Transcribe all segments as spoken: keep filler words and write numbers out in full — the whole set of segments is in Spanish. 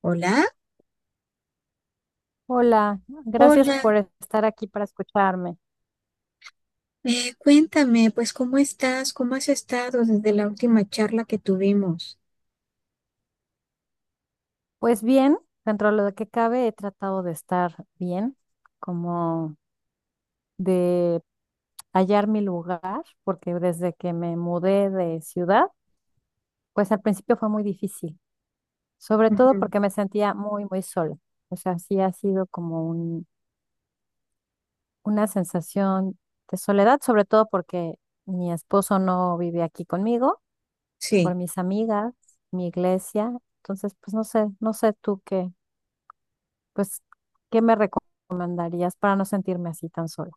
Hola, Hola, gracias hola. por estar aquí para escucharme. Eh, cuéntame, pues, ¿cómo estás? ¿Cómo has estado desde la última charla que tuvimos? Pues bien, dentro de lo que cabe, he tratado de estar bien, como de hallar mi lugar, porque desde que me mudé de ciudad, pues al principio fue muy difícil, sobre todo Ujú. porque me sentía muy, muy sola. O sea, sí ha sido como un- una sensación de soledad, sobre todo porque mi esposo no vive aquí conmigo, Sí, por mis amigas, mi iglesia. Entonces, pues no sé, no sé tú qué. Pues, ¿qué me recomendarías para no sentirme así tan sola?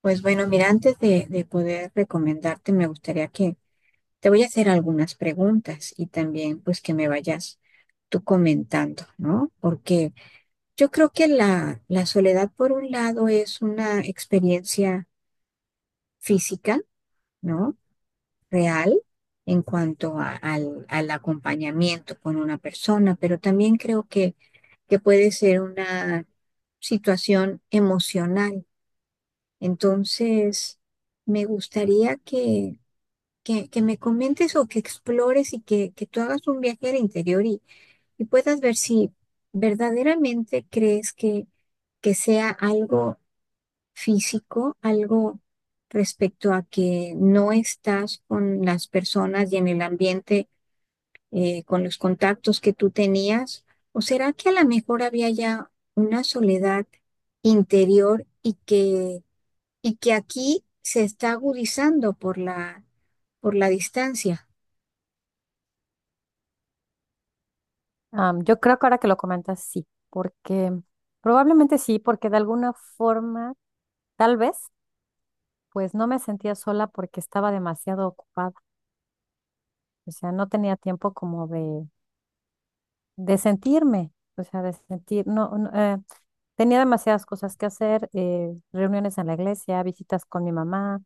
pues bueno, mira, antes de, de poder recomendarte, me gustaría que te voy a hacer algunas preguntas y también pues que me vayas tú comentando, ¿no? Porque yo creo que la, la soledad, por un lado, es una experiencia física, ¿no?, real en cuanto a- al, al acompañamiento con una persona, pero también creo que, que puede ser una situación emocional. Entonces, me gustaría que, que, que me comentes o que explores y que, que tú hagas un viaje al interior y, y puedas ver si verdaderamente crees que, que sea algo físico, algo respecto a que no estás con las personas y en el ambiente eh, con los contactos que tú tenías. ¿O será que a lo mejor había ya una soledad interior y que, y que aquí se está agudizando por la, por la distancia? Am, yo creo que ahora que lo comentas, sí, porque probablemente sí, porque de alguna forma, tal vez, pues no me sentía sola porque estaba demasiado ocupada, o sea, no tenía tiempo como de, de sentirme, o sea, de sentir, no, no, eh, tenía demasiadas cosas que hacer, eh, reuniones en la iglesia, visitas con mi mamá,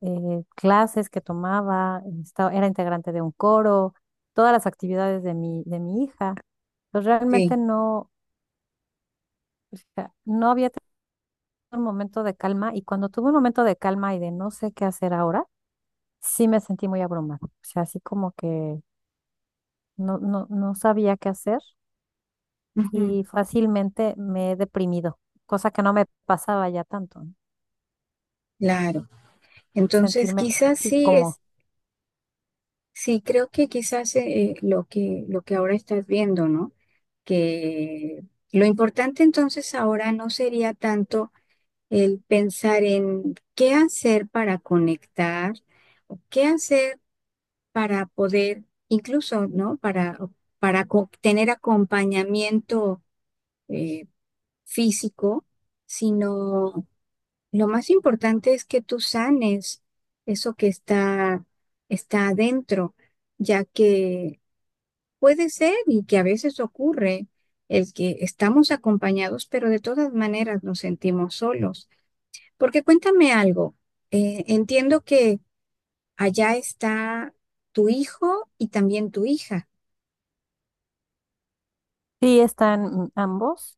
eh, clases que tomaba, estaba- era integrante de un coro, todas las actividades de mi, de mi hija. Pues realmente Sí, no, o sea, no había tenido un momento de calma y cuando tuve un momento de calma y de no sé qué hacer ahora, sí me sentí muy abrumada. O sea, así como que no, no, no sabía qué hacer ujú, y fácilmente me he deprimido, cosa que no me pasaba ya tanto. ¿No? claro. Entonces, Sentirme quizás así sí como, es, sí creo que quizás eh, lo que, lo que ahora estás viendo, ¿no? Que lo importante entonces ahora no sería tanto el pensar en qué hacer para conectar o qué hacer para poder, incluso, ¿no? Para, para co- tener acompañamiento eh, físico, sino lo más importante es que tú sanes eso que está, está adentro, ya que puede ser, y que a veces ocurre, el que estamos acompañados, pero de todas maneras nos sentimos solos. Porque cuéntame algo, eh, entiendo que allá está tu hijo y también tu hija. sí están ambos.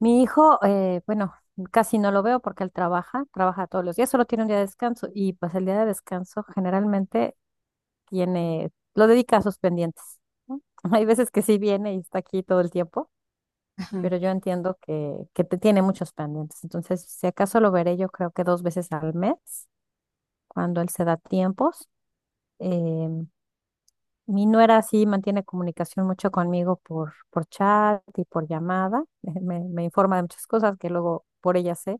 Mi hijo, eh, bueno, casi no lo veo porque él trabaja, trabaja todos los días, solo tiene un día de descanso y pues el día de descanso generalmente tiene, lo dedica a sus pendientes, ¿no? Hay veces que sí viene y está aquí todo el tiempo, Ajá, pero yo entiendo que, que te tiene muchos pendientes. Entonces, si acaso lo veré, yo creo que dos veces al mes, cuando él se da tiempos. Eh, Mi nuera sí mantiene comunicación mucho conmigo por, por chat y por llamada. Me, me informa de muchas cosas que luego por ella sé.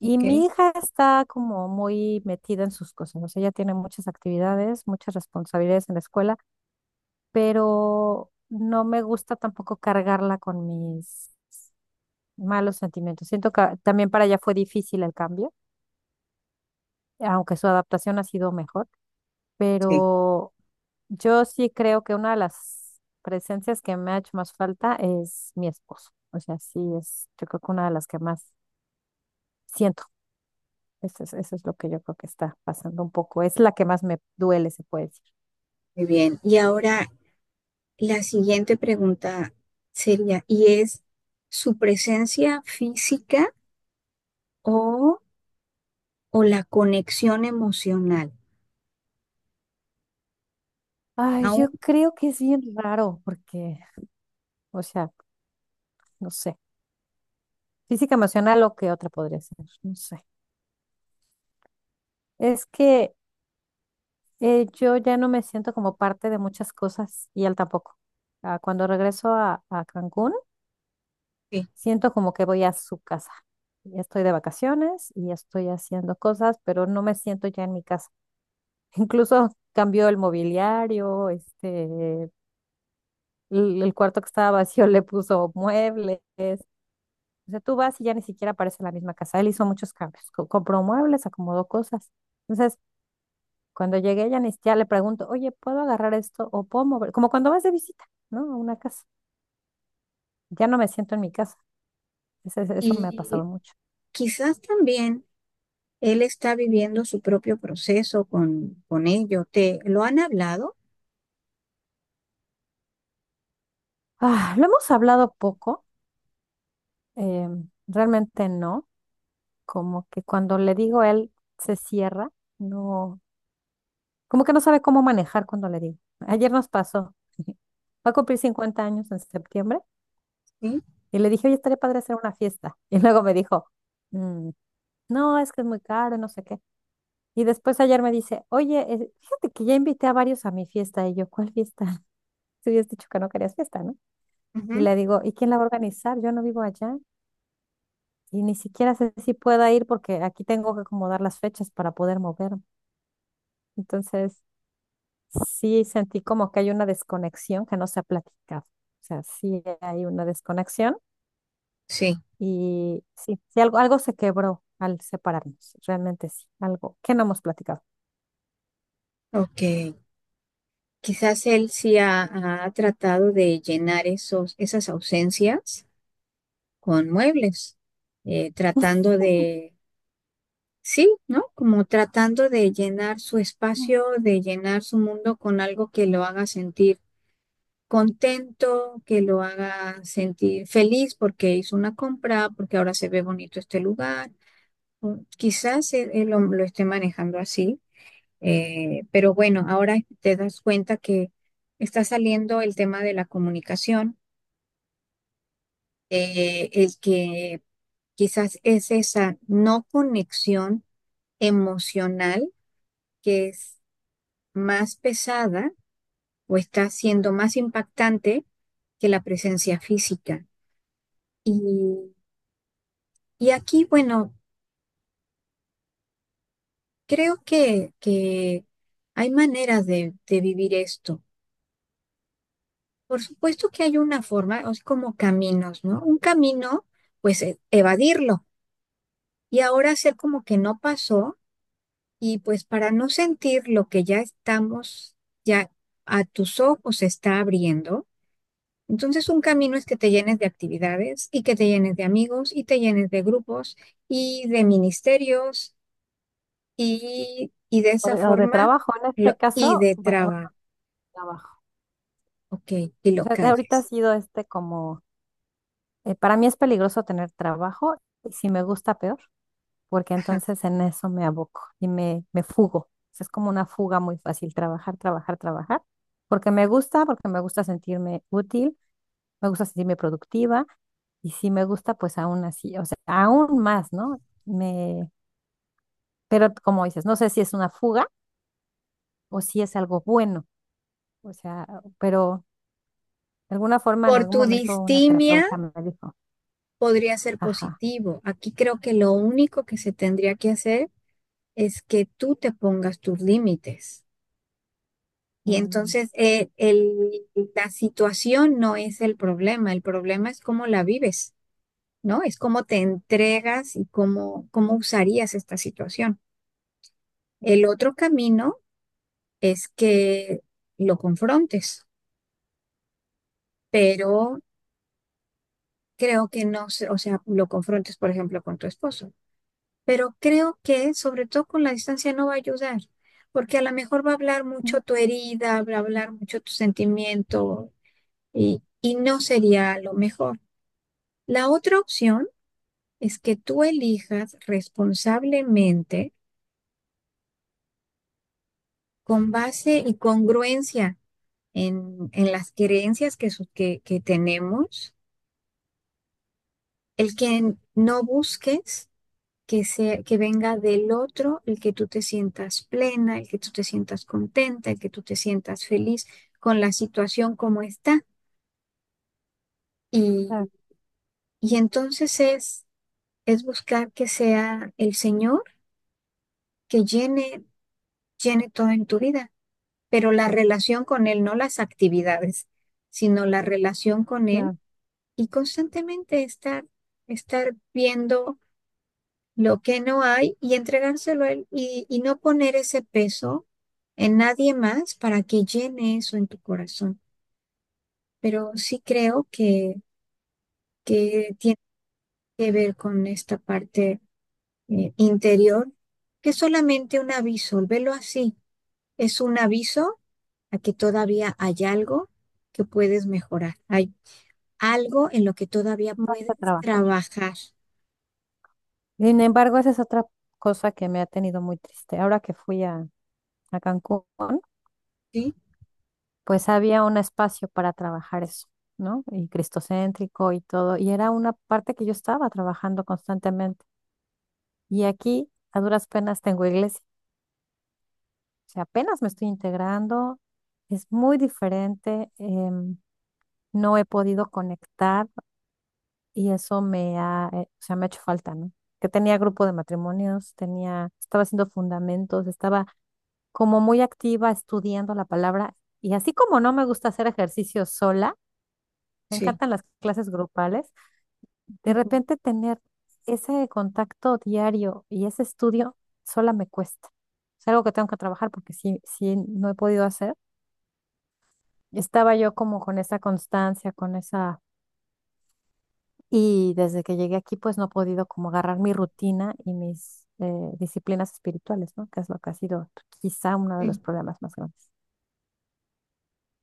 Y ok, mi hija está como muy metida en sus cosas, o sea, ella tiene muchas actividades, muchas responsabilidades en la escuela, pero no me gusta tampoco cargarla con mis malos sentimientos. Siento que también para ella fue difícil el cambio, aunque su adaptación ha sido mejor, Sí. pero yo sí creo que una de las presencias que me ha hecho más falta es mi esposo. O sea, sí es, yo creo que una de las que más siento. Eso es, eso es lo que yo creo que está pasando un poco. Es la que más me duele, se puede decir. Muy bien. Y ahora la siguiente pregunta sería, ¿y es su presencia física o, o la conexión emocional? Ay, Aún yo creo que es bien raro porque, o sea, no sé, física emocional o qué otra podría ser, no sé. Es que eh, yo ya no me siento como parte de muchas cosas y él tampoco. Ah, cuando regreso a, a Cancún, que- siento como que voy a su casa. Ya estoy de vacaciones y estoy haciendo cosas, pero no me siento ya en mi casa. Incluso cambió el mobiliario, este, el, el cuarto que estaba vacío le puso muebles. O sea, tú vas y ya ni siquiera parece la misma casa. Él hizo muchos cambios, co- compró muebles, acomodó cosas. Entonces, cuando llegué ya ni siquiera le pregunto, oye, ¿puedo agarrar esto o puedo mover? Como cuando vas de visita, ¿no? A una casa. Ya no me siento en mi casa. Ese- ese- Eso, me ha pasado Y mucho. quizás también él está viviendo su propio proceso con, con ello. ¿Te lo han hablado? Ah, lo hemos hablado poco, eh, realmente no. Como que cuando le digo a él, se cierra. No, como que no sabe cómo manejar cuando le digo. Ayer nos pasó. Va a cumplir cincuenta años en septiembre Sí. y le dije, oye, estaría padre hacer una fiesta. Y luego me dijo, "Mm, no, es que es muy caro, no sé qué." Y después ayer me dice, oye, eh, fíjate que ya invité a varios a mi fiesta. Y yo, ¿cuál fiesta? Tú habías dicho que no querías fiesta, ¿no? Y Ujú. le digo, ¿y quién la va a organizar? Yo no vivo allá y ni siquiera sé si pueda ir porque aquí tengo que acomodar las fechas para poder moverme. Entonces, sí sentí como que hay una desconexión que no se ha platicado. O sea, sí hay una desconexión Sí, y sí, sí algo, algo se quebró al separarnos, realmente sí, algo que no hemos platicado. ok. Quizás él sí ha, ha tratado de llenar esos, esas ausencias con muebles, eh, tratando de, sí, ¿no? Como tratando de llenar su Mm. espacio, de llenar su mundo con algo que lo haga sentir contento, que lo haga sentir feliz porque hizo una compra, porque ahora se ve bonito este lugar. O quizás él, él lo lo esté manejando así. Eh, pero bueno, ahora te das cuenta que está saliendo el tema de la comunicación, eh, el que quizás es esa no conexión emocional que es más pesada o está siendo más impactante que la presencia física. Y, y aquí, bueno, creo que, que hay maneras de, de vivir esto. Por supuesto que hay una forma, o sea, como caminos, ¿no? Un camino, pues e- evadirlo y ahora hacer como que no pasó y pues para no sentir lo que ya estamos, ya a tus ojos se está abriendo. Entonces un camino es que te llenes de actividades y que te llenes de amigos y te llenes de grupos y de ministerios y, y de O esa de, o de forma trabajo, en lo- este y caso, de bue- bueno, trabajo, trabajo. ok, y O lo sea, ahorita ha calles. sido este como, eh, para mí es peligroso tener trabajo y si me gusta peor, porque Ajá. entonces en eso me aboco y me, me fugo. O sea, es como una fuga muy fácil, trabajar, trabajar, trabajar, porque me gusta, porque me gusta sentirme útil, me gusta sentirme productiva y si me gusta, pues aún así, o sea, aún más, ¿no? Me, pero como dices, no sé si es una fuga o si es algo bueno, o sea, pero de alguna forma, en Por algún tu momento una distimia terapeuta me dijo, podría ser ajá, positivo. Aquí creo que lo único que se tendría que hacer es que tú te pongas tus límites. Y mm, entonces eh, el- la situación no es el problema, el problema es cómo la vives, ¿no? Es cómo te entregas y cómo, cómo usarías esta situación. El otro camino es que lo confrontes, pero creo que no, se- o sea, lo confrontes, por ejemplo, con tu esposo, pero creo que sobre todo con la distancia no va a ayudar, porque a lo mejor va a hablar mucho mm, tu herida, va a hablar mucho tu sentimiento y, y no sería lo mejor. La otra opción es que tú elijas responsablemente con base y congruencia en, en las creencias que, su- que, que tenemos, el que no busques que se, que venga del otro, el que tú te sientas plena, el que tú te sientas contenta, el que tú te sientas feliz con la situación como está. Y, claro, y entonces es, es buscar que sea el Señor que llene, llene todo en tu vida, pero la relación con Él, no las actividades, sino la relación con Él, claro, y constantemente estar, estar viendo lo que no hay y entregárselo a Él y, y no poner ese peso en nadie más para que llene eso en tu corazón. Pero sí creo que, que tiene que ver con esta parte eh, interior, que es solamente un aviso, velo así, es un aviso a que todavía hay algo que puedes mejorar, hay algo en lo que todavía más puedes para trabajar. trabajar, Sin embargo, esa es otra cosa que me ha tenido muy triste. Ahora que fui a, a Cancún, ¿sí? pues había un espacio para trabajar eso, ¿no? Y cristocéntrico y todo. Y era una parte que yo estaba trabajando constantemente. Y aquí, a duras penas, tengo iglesia. O sea, apenas me estoy integrando. Es muy diferente. Em, no he podido conectar y eso me ha, eh, o sea, me ha hecho falta, ¿no? Que tenía grupo de matrimonios, tenía, estaba haciendo fundamentos, estaba como muy activa estudiando la palabra. Y así como no me gusta hacer ejercicio sola, me Sí. encantan las clases grupales. De Ujú, repente tener ese contacto diario y ese estudio sola me cuesta. Es algo que tengo que trabajar porque sí, sí no he podido hacer. Estaba yo como con esa constancia, con esa... Y desde que llegué aquí, pues no he podido como agarrar mi rutina y mis eh, disciplinas espirituales, ¿no? Que es lo que ha sido quizá uno de los sí. problemas más grandes.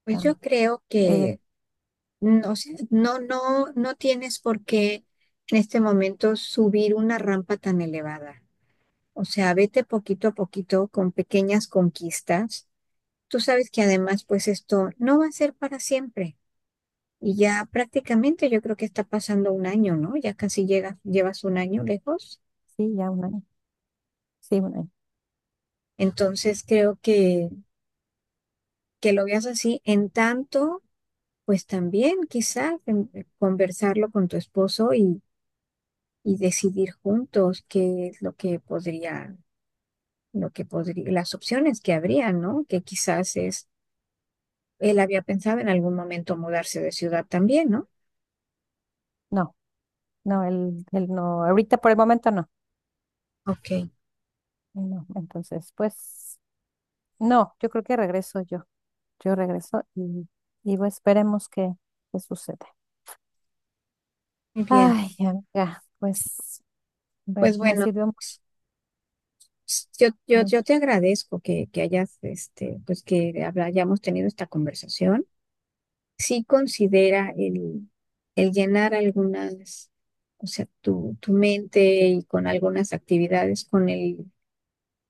Pues yo Am, creo eh, que no sé, no, no, no tienes por qué en este momento subir una rampa tan elevada. O sea, vete poquito a poquito con pequeñas conquistas. Tú sabes que además, pues esto no va a ser para siempre. Y ya prácticamente yo creo que está pasando un año, ¿no? Ya casi llegas, llevas un año lejos. sí, ya un año. Sí, un año. Entonces creo que, que lo veas así. En tanto, pues también quizás em, conversarlo con tu esposo y y decidir juntos qué es lo que podría, lo que podría, las opciones que habría, ¿no? Que quizás es, él había pensado en algún momento mudarse de ciudad también, ¿no? No, no, el, el no. Ahorita por el momento no. Ok, No, entonces, pues, no, yo creo que regreso yo. Yo regreso y, y bueno esperemos que, que suceda. muy bien. Ay, amiga, pues, bueno, Pues me bueno, sirvió mucho, s- yo, yo, yo mucho. te agradezco que, que hayas, este, pues que habla- hayamos tenido esta conversación. Sí, considera el, el llenar algunas, o sea, tu, tu mente y con algunas actividades, con el,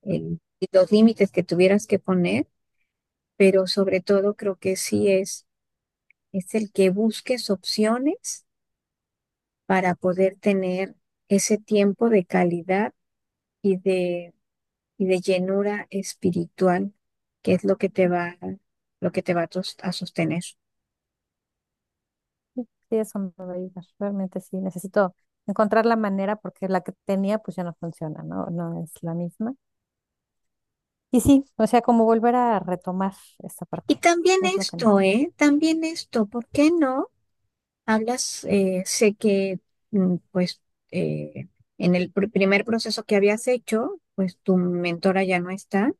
el- los límites que tuvieras que poner, pero sobre todo creo que sí es, es el que busques opciones para poder tener ese tiempo de calidad y de, y de llenura espiritual, que es lo que te va, lo que te va a, tos- a sostener. Sí, sí, eso me va a ayudar. Realmente sí, necesito encontrar la manera porque la que tenía, pues ya no funciona, ¿no? No es la misma. Y sí, o sea, como volver a retomar esta parte. Y también Es lo que esto, necesito. ¿eh? También esto, ¿por qué no? Hablas, eh, sé que, mm, pues, eh, en el pr- primer proceso que habías hecho, pues tu mentora ya no está,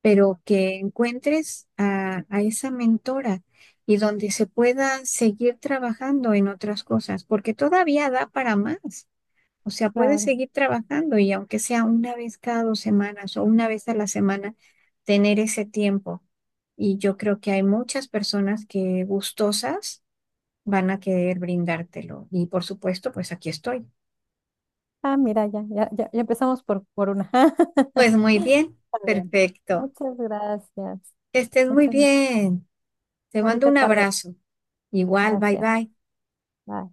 pero que encuentres a, a esa mentora y donde se pueda seguir trabajando en otras cosas, porque todavía da para más. O sea, puedes Claro. seguir trabajando y aunque sea una vez cada dos semanas o una vez a la semana, tener ese tiempo. Y yo creo que hay muchas personas que gustosas van a querer brindártelo. Y por supuesto, pues aquí estoy. Ah, mira, ya, ya, ya, ya empezamos por, por una. Pues Está muy bien, bien. perfecto. Muchas gracias. Que estés muy Muchas bien. Te mando bonita un tarde. abrazo. Igual, bye Gracias. bye. Bye.